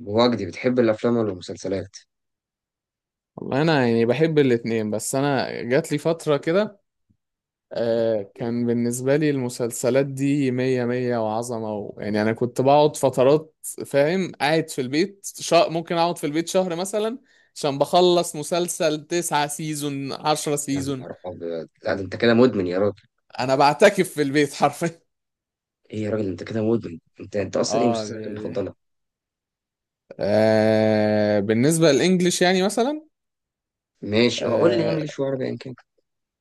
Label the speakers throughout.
Speaker 1: وجدي، بتحب الافلام ولا المسلسلات؟
Speaker 2: والله انا يعني بحب الاتنين بس انا جات لي فترة كده.
Speaker 1: مم.
Speaker 2: كان بالنسبة لي المسلسلات دي مية مية وعظمة يعني انا كنت بقعد فترات، فاهم، قاعد في البيت، ممكن اقعد في البيت شهر مثلا، عشان بخلص مسلسل 9 سيزون عشرة
Speaker 1: يعني يا
Speaker 2: سيزون
Speaker 1: نهار أبيض! لا، ده انت كده مدمن يا راجل.
Speaker 2: انا بعتكف في البيت حرفيا.
Speaker 1: ايه يا راجل، انت كده مدمن. انت اصلا ايه
Speaker 2: اه، دي
Speaker 1: مسلسلاتك
Speaker 2: دي
Speaker 1: المفضله؟
Speaker 2: بالنسبة للإنجليش، يعني مثلا،
Speaker 1: ماشي، اه قول لي
Speaker 2: آه،
Speaker 1: انجليش وعربي ان كان.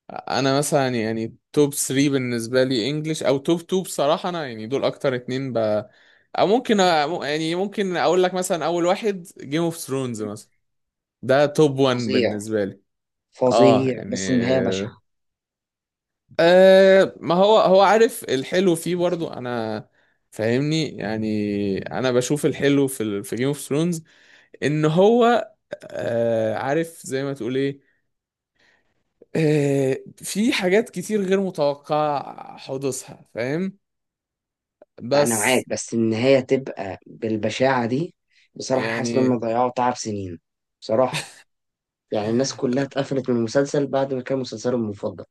Speaker 2: انا مثلا يعني توب 3 بالنسبه لي انجلش، او توب 2. بصراحه انا يعني دول اكتر اتنين او ممكن يعني ممكن اقول لك مثلا اول واحد جيم اوف ثرونز
Speaker 1: مم.
Speaker 2: مثلا. ده توب 1
Speaker 1: فظيع.
Speaker 2: بالنسبه لي. اه،
Speaker 1: فظيع،
Speaker 2: يعني،
Speaker 1: بس النهايه بشعه.
Speaker 2: ما هو عارف الحلو فيه برضو. انا فاهمني، يعني انا بشوف الحلو في جيم اوف ثرونز، ان
Speaker 1: مم.
Speaker 2: هو، عارف زي ما تقول ايه. في حاجات كتير غير متوقعة حدوثها، فاهم،
Speaker 1: انا معاك،
Speaker 2: بس
Speaker 1: بس النهايه تبقى بالبشاعه دي. بصراحه حاسس ان هم
Speaker 2: يعني،
Speaker 1: ضيعوا تعب سنين. بصراحه. يعني الناس كلها اتقفلت من المسلسل بعد ما كان مسلسلهم المفضل.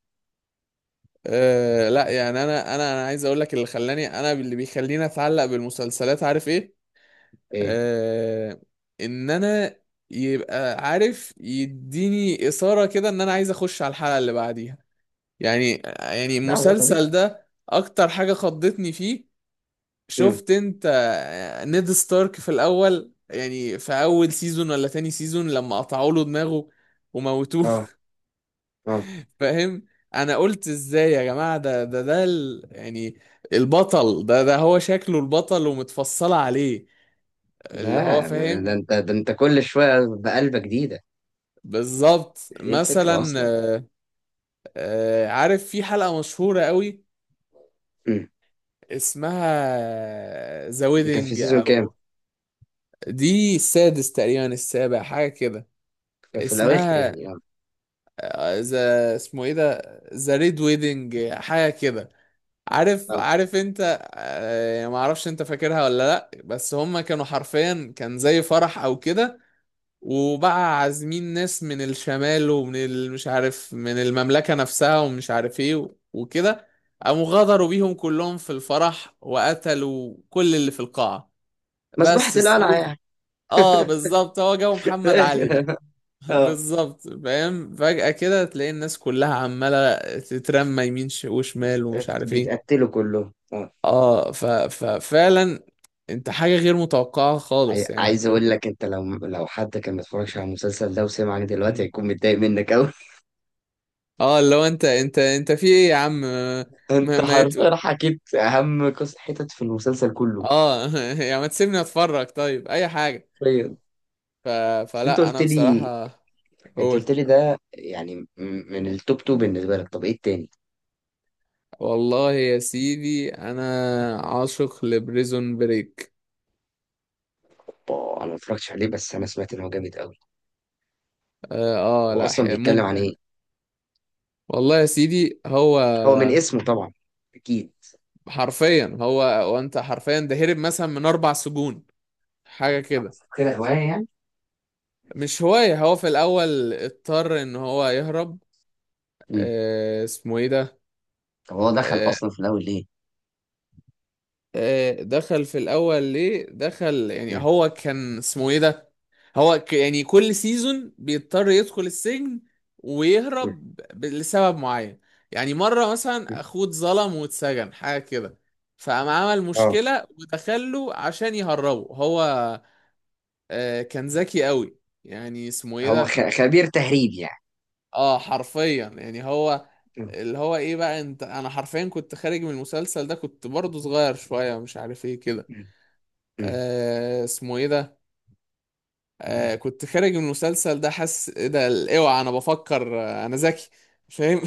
Speaker 2: لا، يعني انا عايز اقول لك، اللي خلاني، انا اللي بيخليني اتعلق بالمسلسلات، عارف ايه؟
Speaker 1: ايه.
Speaker 2: آه. ان انا يبقى عارف، يديني اثاره كده ان انا عايز اخش على الحلقه اللي بعديها، يعني
Speaker 1: لا، ده
Speaker 2: المسلسل
Speaker 1: طبيعي.
Speaker 2: ده اكتر حاجه خضتني فيه.
Speaker 1: امم.
Speaker 2: شفت انت؟ نيد ستارك في الاول، يعني في اول سيزون ولا تاني سيزون، لما قطعوا له دماغه وموتوه
Speaker 1: اه. اه،
Speaker 2: فاهم؟ انا قلت ازاي يا جماعه؟ يعني البطل ده هو شكله البطل ومتفصله عليه، اللي هو،
Speaker 1: لا، ده
Speaker 2: فاهم،
Speaker 1: انت ده انت كل شويه بقلبه جديده.
Speaker 2: بالظبط
Speaker 1: دي الفكره
Speaker 2: مثلا.
Speaker 1: اصلا.
Speaker 2: آه، عارف، في حلقه مشهوره قوي
Speaker 1: مم.
Speaker 2: اسمها ذا
Speaker 1: دي كانت في
Speaker 2: ويدنج،
Speaker 1: سيزون كام؟
Speaker 2: او... دي السادس تقريبا، السابع، حاجه كده.
Speaker 1: كانت في الاواخر
Speaker 2: اسمها
Speaker 1: يعني، اه.
Speaker 2: ذا، اسمه ايه ده؟ ذا ريد ويدنج، حاجه كده. عارف
Speaker 1: اه،
Speaker 2: عارف انت؟ يعني ما اعرفش انت فاكرها ولا لا، بس هم كانوا حرفيا كان زي فرح او كده، وبقى عازمين ناس من الشمال ومن مش عارف، من المملكة نفسها، ومش عارف ايه و- وكده، قاموا غدروا بيهم كلهم في الفرح وقتلوا كل اللي في القاعة،
Speaker 1: مذبحه
Speaker 2: بس
Speaker 1: القلعه
Speaker 2: السيوف.
Speaker 1: يعني.
Speaker 2: اه، بالظبط، هو جو
Speaker 1: في
Speaker 2: محمد علي ده
Speaker 1: الاخر. اه،
Speaker 2: بالظبط، فاهم، فجأة كده تلاقي الناس كلها عمالة تترمى يمين
Speaker 1: بس-
Speaker 2: وشمال، ومش عارف ايه.
Speaker 1: بيتقتلوا كلهم، اه.
Speaker 2: اه، ف... ففعلا انت حاجة غير متوقعة خالص، يعني
Speaker 1: عايز
Speaker 2: انتوا.
Speaker 1: اقول لك، انت لو، حد كان متفرجش على المسلسل ده وسمعني دلوقتي
Speaker 2: مم.
Speaker 1: هيكون متضايق منك قوي.
Speaker 2: اه، لو انت انت في ايه يا عم؟ ما
Speaker 1: انت
Speaker 2: ما يت...
Speaker 1: حرفيا حكيت اهم قصه حتت في المسلسل كله.
Speaker 2: اه يعني ما تسيبني اتفرج طيب؟ اي حاجة.
Speaker 1: حرفيا.
Speaker 2: ف...
Speaker 1: بس انت
Speaker 2: فلا،
Speaker 1: قلت
Speaker 2: انا
Speaker 1: لي.
Speaker 2: بصراحة.
Speaker 1: انت قلت
Speaker 2: قول.
Speaker 1: لي ده يعني، من التوب تو بالنسبه لك، طب ايه التاني؟
Speaker 2: والله يا سيدي انا عاشق لبريزون بريك.
Speaker 1: آه، انا ما اتفرجتش عليه، بس انا سمعت ان هو جامد قوي.
Speaker 2: اه،
Speaker 1: هو
Speaker 2: لا،
Speaker 1: اصلا بيتكلم عن
Speaker 2: ممتع.
Speaker 1: ايه؟
Speaker 2: والله يا سيدي هو،
Speaker 1: هو من اسمه طبعا. اكيد.
Speaker 2: حرفيا هو، وانت
Speaker 1: اكيد،
Speaker 2: حرفيا ده هرب مثلا من 4 سجون، حاجة كده.
Speaker 1: كده هواية يعني.
Speaker 2: مش هواية، هو في الأول اضطر إن هو يهرب.
Speaker 1: مم.
Speaker 2: اسمه إيه ده؟
Speaker 1: طب هو دخل
Speaker 2: آه.
Speaker 1: اصلا في الاول ليه؟
Speaker 2: آه دخل في الأول ليه؟ دخل يعني
Speaker 1: مم.
Speaker 2: هو، كان اسمه إيه ده؟ هو يعني كل سيزون بيضطر يدخل السجن
Speaker 1: مم.
Speaker 2: ويهرب لسبب معين. يعني مرة
Speaker 1: مم.
Speaker 2: مثلا أخوه اتظلم واتسجن، حاجة كده، فقام عمل
Speaker 1: اه،
Speaker 2: مشكلة ودخله عشان يهربه هو. كان ذكي قوي، يعني اسمه إيه
Speaker 1: هو
Speaker 2: ده؟
Speaker 1: خبير تهريب يعني.
Speaker 2: اه، حرفيا يعني هو،
Speaker 1: مم.
Speaker 2: اللي هو ايه بقى، انت، انا حرفيا كنت خارج من المسلسل ده، كنت برضه صغير شوية، مش عارف ايه كده.
Speaker 1: مم. مم.
Speaker 2: اسمه ايه ده؟ كنت خارج من المسلسل ده حاسس ايه ده، اوعى انا بفكر، انا ذكي، فاهم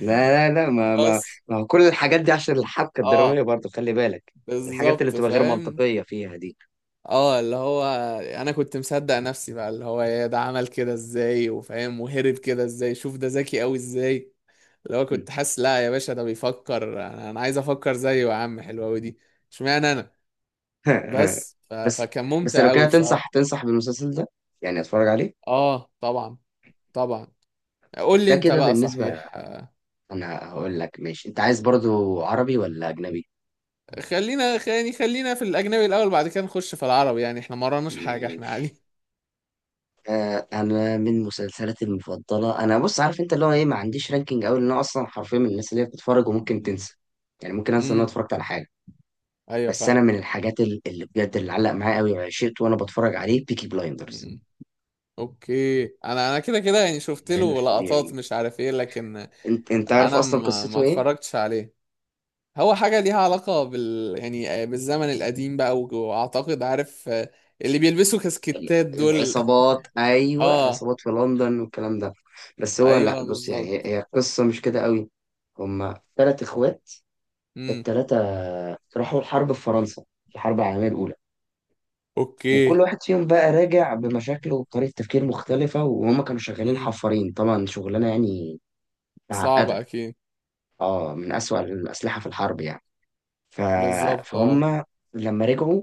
Speaker 1: لا، لا، لا،
Speaker 2: بس
Speaker 1: ما هو كل الحاجات دي عشان الحبكة
Speaker 2: اه،
Speaker 1: الدرامية برضو، خلي بالك. الحاجات اللي
Speaker 2: بالظبط،
Speaker 1: بتبقى غير
Speaker 2: فاهم.
Speaker 1: منطقية فيها دي.
Speaker 2: اه، اللي هو انا كنت مصدق نفسي بقى، اللي هو يا ده عمل كده ازاي، وفاهم، وهرب كده ازاي، شوف ده ذكي قوي ازاي، لو
Speaker 1: مم.
Speaker 2: كنت حاسس، لا يا باشا ده بيفكر، أنا عايز افكر زيه يا عم، حلوة أوي دي، اشمعنى انا؟ بس
Speaker 1: بس.
Speaker 2: فكان
Speaker 1: بس
Speaker 2: ممتع
Speaker 1: لو
Speaker 2: قوي
Speaker 1: كده تنصح،
Speaker 2: بصراحة.
Speaker 1: بالمسلسل ده؟ يعني اتفرج عليه؟
Speaker 2: اه، طبعا. طبعا. قول لي
Speaker 1: ده
Speaker 2: انت
Speaker 1: كده
Speaker 2: بقى
Speaker 1: بالنسبة.
Speaker 2: صحيح.
Speaker 1: انا هقول لك، ماشي. انت عايز برضو عربي ولا اجنبي؟
Speaker 2: خلينا في الاجنبي الاول، بعد كده نخش في العربي، يعني احنا ما وراناش حاجة، احنا
Speaker 1: ماشي.
Speaker 2: عادي.
Speaker 1: آه، انا من مسلسلاتي المفضله، انا بص عارف انت اللي هو ايه، ما عنديش رانكينج قوي، لان انا اصلا حرفيا من الناس اللي هي بتتفرج وممكن
Speaker 2: مم.
Speaker 1: تنسى. يعني ممكن انسى ان انا
Speaker 2: امم،
Speaker 1: اتفرجت على حاجه.
Speaker 2: ايوه
Speaker 1: بس
Speaker 2: فاهم.
Speaker 1: انا من الحاجات اللي بجد، اللي علق معايا قوي وعشقت وانا بتفرج عليه، بيكي بلايندرز.
Speaker 2: مم. اوكي، انا كده كده، يعني شفت
Speaker 1: يعني
Speaker 2: له
Speaker 1: مش
Speaker 2: لقطات،
Speaker 1: طبيعي.
Speaker 2: مش عارف ايه، لكن
Speaker 1: انت عارف
Speaker 2: انا،
Speaker 1: اصلا
Speaker 2: ما
Speaker 1: قصته ايه؟
Speaker 2: اتفرجتش عليه. هو حاجة ليها علاقة يعني، بالزمن القديم بقى، وأعتقد، عارف، اللي بيلبسوا كاسكتات دول
Speaker 1: العصابات، ايوه،
Speaker 2: اه،
Speaker 1: عصابات في لندن والكلام ده. بس هو، لا
Speaker 2: ايوه
Speaker 1: بص، يعني
Speaker 2: بالظبط.
Speaker 1: هي قصه مش كده قوي. هما ثلاث اخوات.
Speaker 2: امم.
Speaker 1: التلاتة راحوا الحرب في فرنسا، في الحرب العالمية الأولى. وكل
Speaker 2: اوكي.
Speaker 1: واحد فيهم بقى راجع بمشاكله وبطريقة تفكير مختلفة، وهم كانوا شغالين
Speaker 2: امم.
Speaker 1: حفارين طبعا، شغلانة يعني
Speaker 2: صعبة
Speaker 1: معقدة.
Speaker 2: اكيد.
Speaker 1: اه، من أسوأ الأسلحة في الحرب يعني. ف...
Speaker 2: بالظبط، اه.
Speaker 1: فهم لما رجعوا،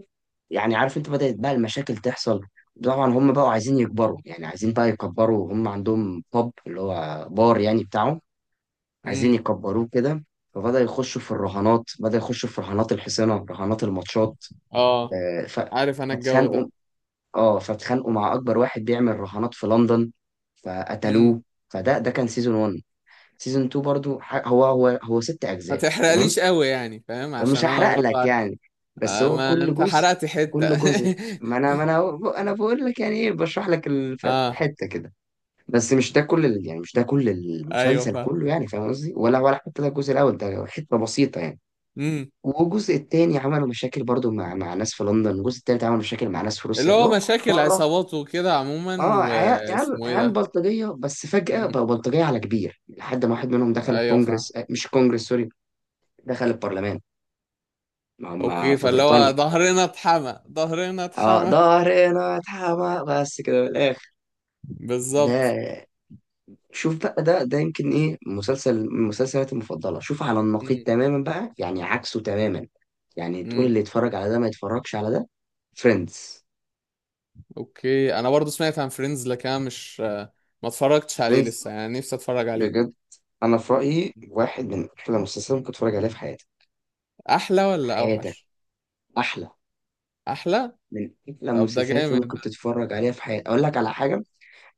Speaker 1: يعني عارف انت، بدأت بقى المشاكل تحصل. طبعا هم بقوا عايزين يكبروا، يعني عايزين بقى يكبروا. هم عندهم بوب اللي هو بار يعني بتاعهم، عايزين
Speaker 2: امم.
Speaker 1: يكبروه كده. فبدأ يخشوا في الرهانات، بدأ يخشوا في رهانات الحصينة، رهانات الماتشات.
Speaker 2: اه،
Speaker 1: آه،
Speaker 2: عارف انا الجو
Speaker 1: فاتخانقوا.
Speaker 2: ده.
Speaker 1: اه، فاتخانقوا مع اكبر واحد بيعمل رهانات في لندن،
Speaker 2: امم.
Speaker 1: فقتلوه. فده كان سيزون 1. سيزون 2 برضو، هو ست
Speaker 2: ما
Speaker 1: اجزاء تمام.
Speaker 2: تحرقليش قوي، يعني فاهم،
Speaker 1: انا مش
Speaker 2: عشان انا
Speaker 1: هحرق
Speaker 2: برضه
Speaker 1: لك يعني، بس هو
Speaker 2: ما
Speaker 1: كل
Speaker 2: انت
Speaker 1: جزء.
Speaker 2: حرقت حتة
Speaker 1: كل جزء. ما انا بقول لك يعني ايه، بشرح لك الفهم
Speaker 2: اه،
Speaker 1: حته كده. بس مش ده كل يعني مش ده كل
Speaker 2: ايوه
Speaker 1: المسلسل
Speaker 2: فاهم.
Speaker 1: كله، يعني فاهم قصدي، ولا حتى ده الجزء الاول، ده حته بسيطه يعني.
Speaker 2: امم.
Speaker 1: والجزء التاني عملوا مشاكل برضو مع ناس في لندن، والجزء التالت عملوا مشاكل مع ناس في
Speaker 2: اللي
Speaker 1: روسيا، اللي
Speaker 2: هو
Speaker 1: هو كل
Speaker 2: مشاكل
Speaker 1: مرة.
Speaker 2: عصابات وكده عموما،
Speaker 1: اه، عيال، عيال
Speaker 2: واسمه ايه
Speaker 1: عيال
Speaker 2: ده.
Speaker 1: بلطجية، بس فجأة
Speaker 2: امم.
Speaker 1: بقوا بلطجية على كبير، لحد ما واحد منهم دخل
Speaker 2: ايوه فاهم.
Speaker 1: الكونجرس. آه، مش الكونجرس، سوري. دخل البرلمان، ما هم
Speaker 2: اوكي،
Speaker 1: في
Speaker 2: فاللي هو
Speaker 1: بريطانيا.
Speaker 2: ظهرنا اتحمى، ظهرنا
Speaker 1: اه،
Speaker 2: اتحمى
Speaker 1: ظهرنا اتحمى، بس كده من الآخر.
Speaker 2: بالظبط.
Speaker 1: ده، شوف بقى، ده يمكن ايه مسلسل من مسلسلاتي المفضلة. شوف على النقيض
Speaker 2: امم.
Speaker 1: تماما بقى، يعني عكسه تماما. يعني تقول
Speaker 2: امم.
Speaker 1: اللي يتفرج على ده ما يتفرجش على ده. فريندز.
Speaker 2: اوكي، انا برضو سمعت عن فريندز، لكن انا مش ما اتفرجتش عليه لسه، يعني نفسي اتفرج عليه.
Speaker 1: بجد، انا في رايي واحد من احلى المسلسلات اللي ممكن تتفرج عليها في حياتك.
Speaker 2: احلى
Speaker 1: في
Speaker 2: ولا
Speaker 1: حياتك.
Speaker 2: اوحش؟
Speaker 1: احلى.
Speaker 2: احلى.
Speaker 1: من احلى
Speaker 2: طب ده
Speaker 1: المسلسلات اللي
Speaker 2: جامد
Speaker 1: ممكن
Speaker 2: ده.
Speaker 1: تتفرج عليها في حياتك. اقول لك على حاجه،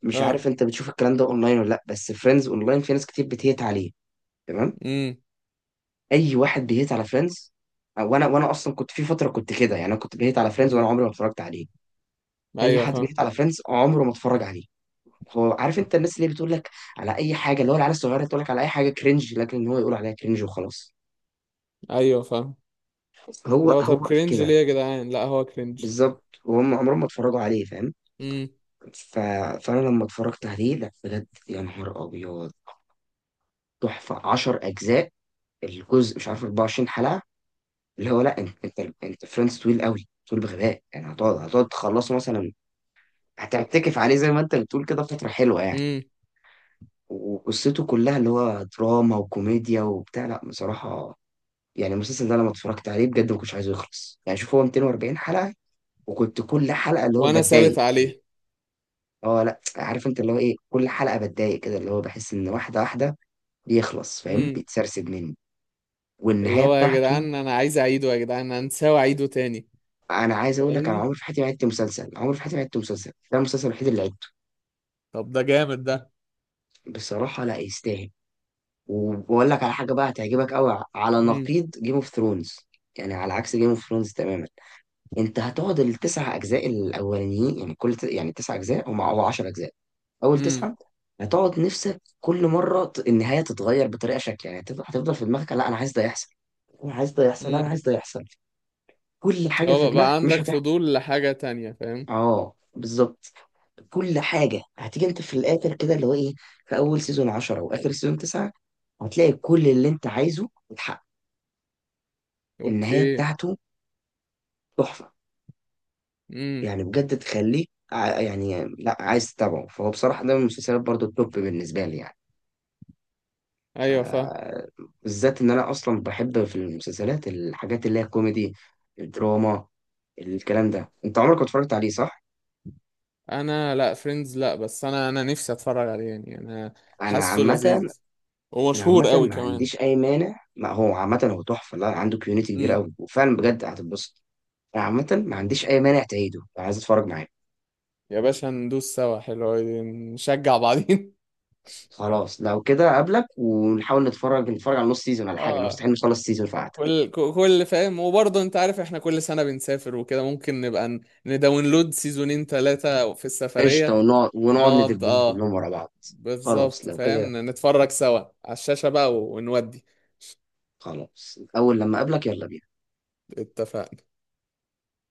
Speaker 1: مش
Speaker 2: اه.
Speaker 1: عارف انت بتشوف الكلام ده اونلاين ولا لا، بس فريندز اونلاين في ناس كتير بتهيت عليه. تمام.
Speaker 2: امم.
Speaker 1: اي واحد بيهيت على فريندز، او انا، وانا اصلا كنت في فتره كنت كده يعني، انا كنت بيهيت على فريندز
Speaker 2: امم.
Speaker 1: وانا عمري ما اتفرجت عليه. اي
Speaker 2: ايوه
Speaker 1: حد
Speaker 2: فاهم.
Speaker 1: بيهيت على فريندز عمره ما اتفرج عليه. هو عارف انت الناس اللي بتقول لك على اي حاجه، اللي هو العيال الصغيره تقول لك على اي حاجه كرنج، لكن هو يقول عليها كرنج وخلاص.
Speaker 2: ايوه فاهم.
Speaker 1: هو
Speaker 2: اللي هو طب
Speaker 1: هو في
Speaker 2: كرنج ليه
Speaker 1: كده.
Speaker 2: يا جدعان؟ لا هو كرنج.
Speaker 1: بالظبط، وهم عمرهم ما اتفرجوا عليه، فاهم.
Speaker 2: امم.
Speaker 1: ف... فانا لما اتفرجت عليه، لا بجد يا نهار ابيض. تحفه، 10 اجزاء، الجزء مش عارف 24 حلقه. اللي هو لا، انت فريندز طويل قوي، طول بغباء يعني. هتقعد، تخلصه مثلا. هتعتكف عليه زي ما انت بتقول كده فتره حلوه يعني.
Speaker 2: امم.
Speaker 1: وقصته كلها، اللي هو دراما وكوميديا وبتاع، لا بصراحه. يعني المسلسل ده لما اتفرجت عليه بجد ما كنتش عايزه يخلص يعني. شوف، هو 240 حلقه، وكنت كل حلقه اللي هو
Speaker 2: وانا
Speaker 1: بتضايق.
Speaker 2: ثابت عليه.
Speaker 1: اه، لا عارف انت اللي هو ايه، كل حلقه بتضايق كده، اللي هو بحس ان واحده واحده بيخلص، فاهم،
Speaker 2: امم.
Speaker 1: بيتسرسب مني.
Speaker 2: اللي
Speaker 1: والنهايه
Speaker 2: هو يا
Speaker 1: بتاعته.
Speaker 2: جدعان انا عايز اعيده، يا جدعان انا نساوي اعيده تاني.
Speaker 1: انا عايز اقول لك، انا
Speaker 2: فاهمني.
Speaker 1: عمري في حياتي ما عدت مسلسل، عمري في حياتي ما عدت مسلسل، ده المسلسل الوحيد اللي عدته.
Speaker 2: طب ده جامد ده.
Speaker 1: بصراحه، لا يستاهل. وبقول لك على حاجه بقى هتعجبك قوي، على نقيض جيم اوف ثرونز، يعني على عكس جيم اوف ثرونز تماما. انت هتقعد التسع اجزاء الاولانيين، يعني كل، يعني تسع اجزاء هم، او 10 اجزاء. اول
Speaker 2: امم.
Speaker 1: تسعه. هتقعد نفسك كل مره، النهايه تتغير بطريقه شكل، يعني هتفضل، في دماغك لا انا عايز ده يحصل، انا عايز ده يحصل، لا انا
Speaker 2: امم.
Speaker 1: عايز ده يحصل. كل حاجه في
Speaker 2: هو
Speaker 1: دماغك
Speaker 2: بقى
Speaker 1: مش
Speaker 2: عندك
Speaker 1: هتحصل.
Speaker 2: فضول لحاجة تانية، فاهم.
Speaker 1: اه، بالظبط. كل حاجه هتيجي انت في الاخر كده اللي هو ايه، في اول سيزون 10 واخر سيزون 9، هتلاقي كل اللي انت عايزه اتحقق. النهايه
Speaker 2: اوكي.
Speaker 1: بتاعته تحفه.
Speaker 2: امم.
Speaker 1: يعني بجد تخليك، يعني لا، عايز تتابعه. فهو بصراحة ده من المسلسلات برضو التوب بالنسبة لي يعني. ف-
Speaker 2: ايوه فاهم.
Speaker 1: بالذات ان انا اصلا بحب في المسلسلات الحاجات اللي هي كوميدي، الدراما، الكلام ده. انت عمرك ما اتفرجت عليه صح؟
Speaker 2: انا لا، فريندز لا، بس انا نفسي اتفرج عليه، يعني انا
Speaker 1: انا
Speaker 2: حاسه
Speaker 1: عامة.
Speaker 2: لذيذ،
Speaker 1: انا
Speaker 2: ومشهور
Speaker 1: عامة
Speaker 2: قوي
Speaker 1: ما
Speaker 2: كمان.
Speaker 1: عنديش اي مانع، ما هو عامة هو تحفة. لا عنده كيونيتي كبيرة
Speaker 2: امم.
Speaker 1: قوي وفعلا بجد هتتبسط. انا عامة ما عنديش
Speaker 2: اوكي.
Speaker 1: اي مانع تعيده لو عايز اتفرج معاك.
Speaker 2: يا باشا ندوس سوا، حلو أوي، نشجع بعضين
Speaker 1: خلاص لو كده اقابلك، ونحاول نتفرج، على نص سيزون ولا حاجة. أنا
Speaker 2: اه،
Speaker 1: مستحيل نخلص سيزون في قعدة.
Speaker 2: كل فاهم، وبرضه انت عارف احنا كل سنة بنسافر وكده، ممكن نبقى نداونلود سيزونين 3 في
Speaker 1: قشطة،
Speaker 2: السفرية،
Speaker 1: ونقعد،
Speaker 2: نقعد،
Speaker 1: ندبهم
Speaker 2: اه،
Speaker 1: كلهم ورا بعض. خلاص
Speaker 2: بالظبط،
Speaker 1: لو كده.
Speaker 2: فاهم، نتفرج سوا على الشاشة بقى، ونودي.
Speaker 1: خلاص أول لما أقابلك يلا بينا.
Speaker 2: اتفقنا.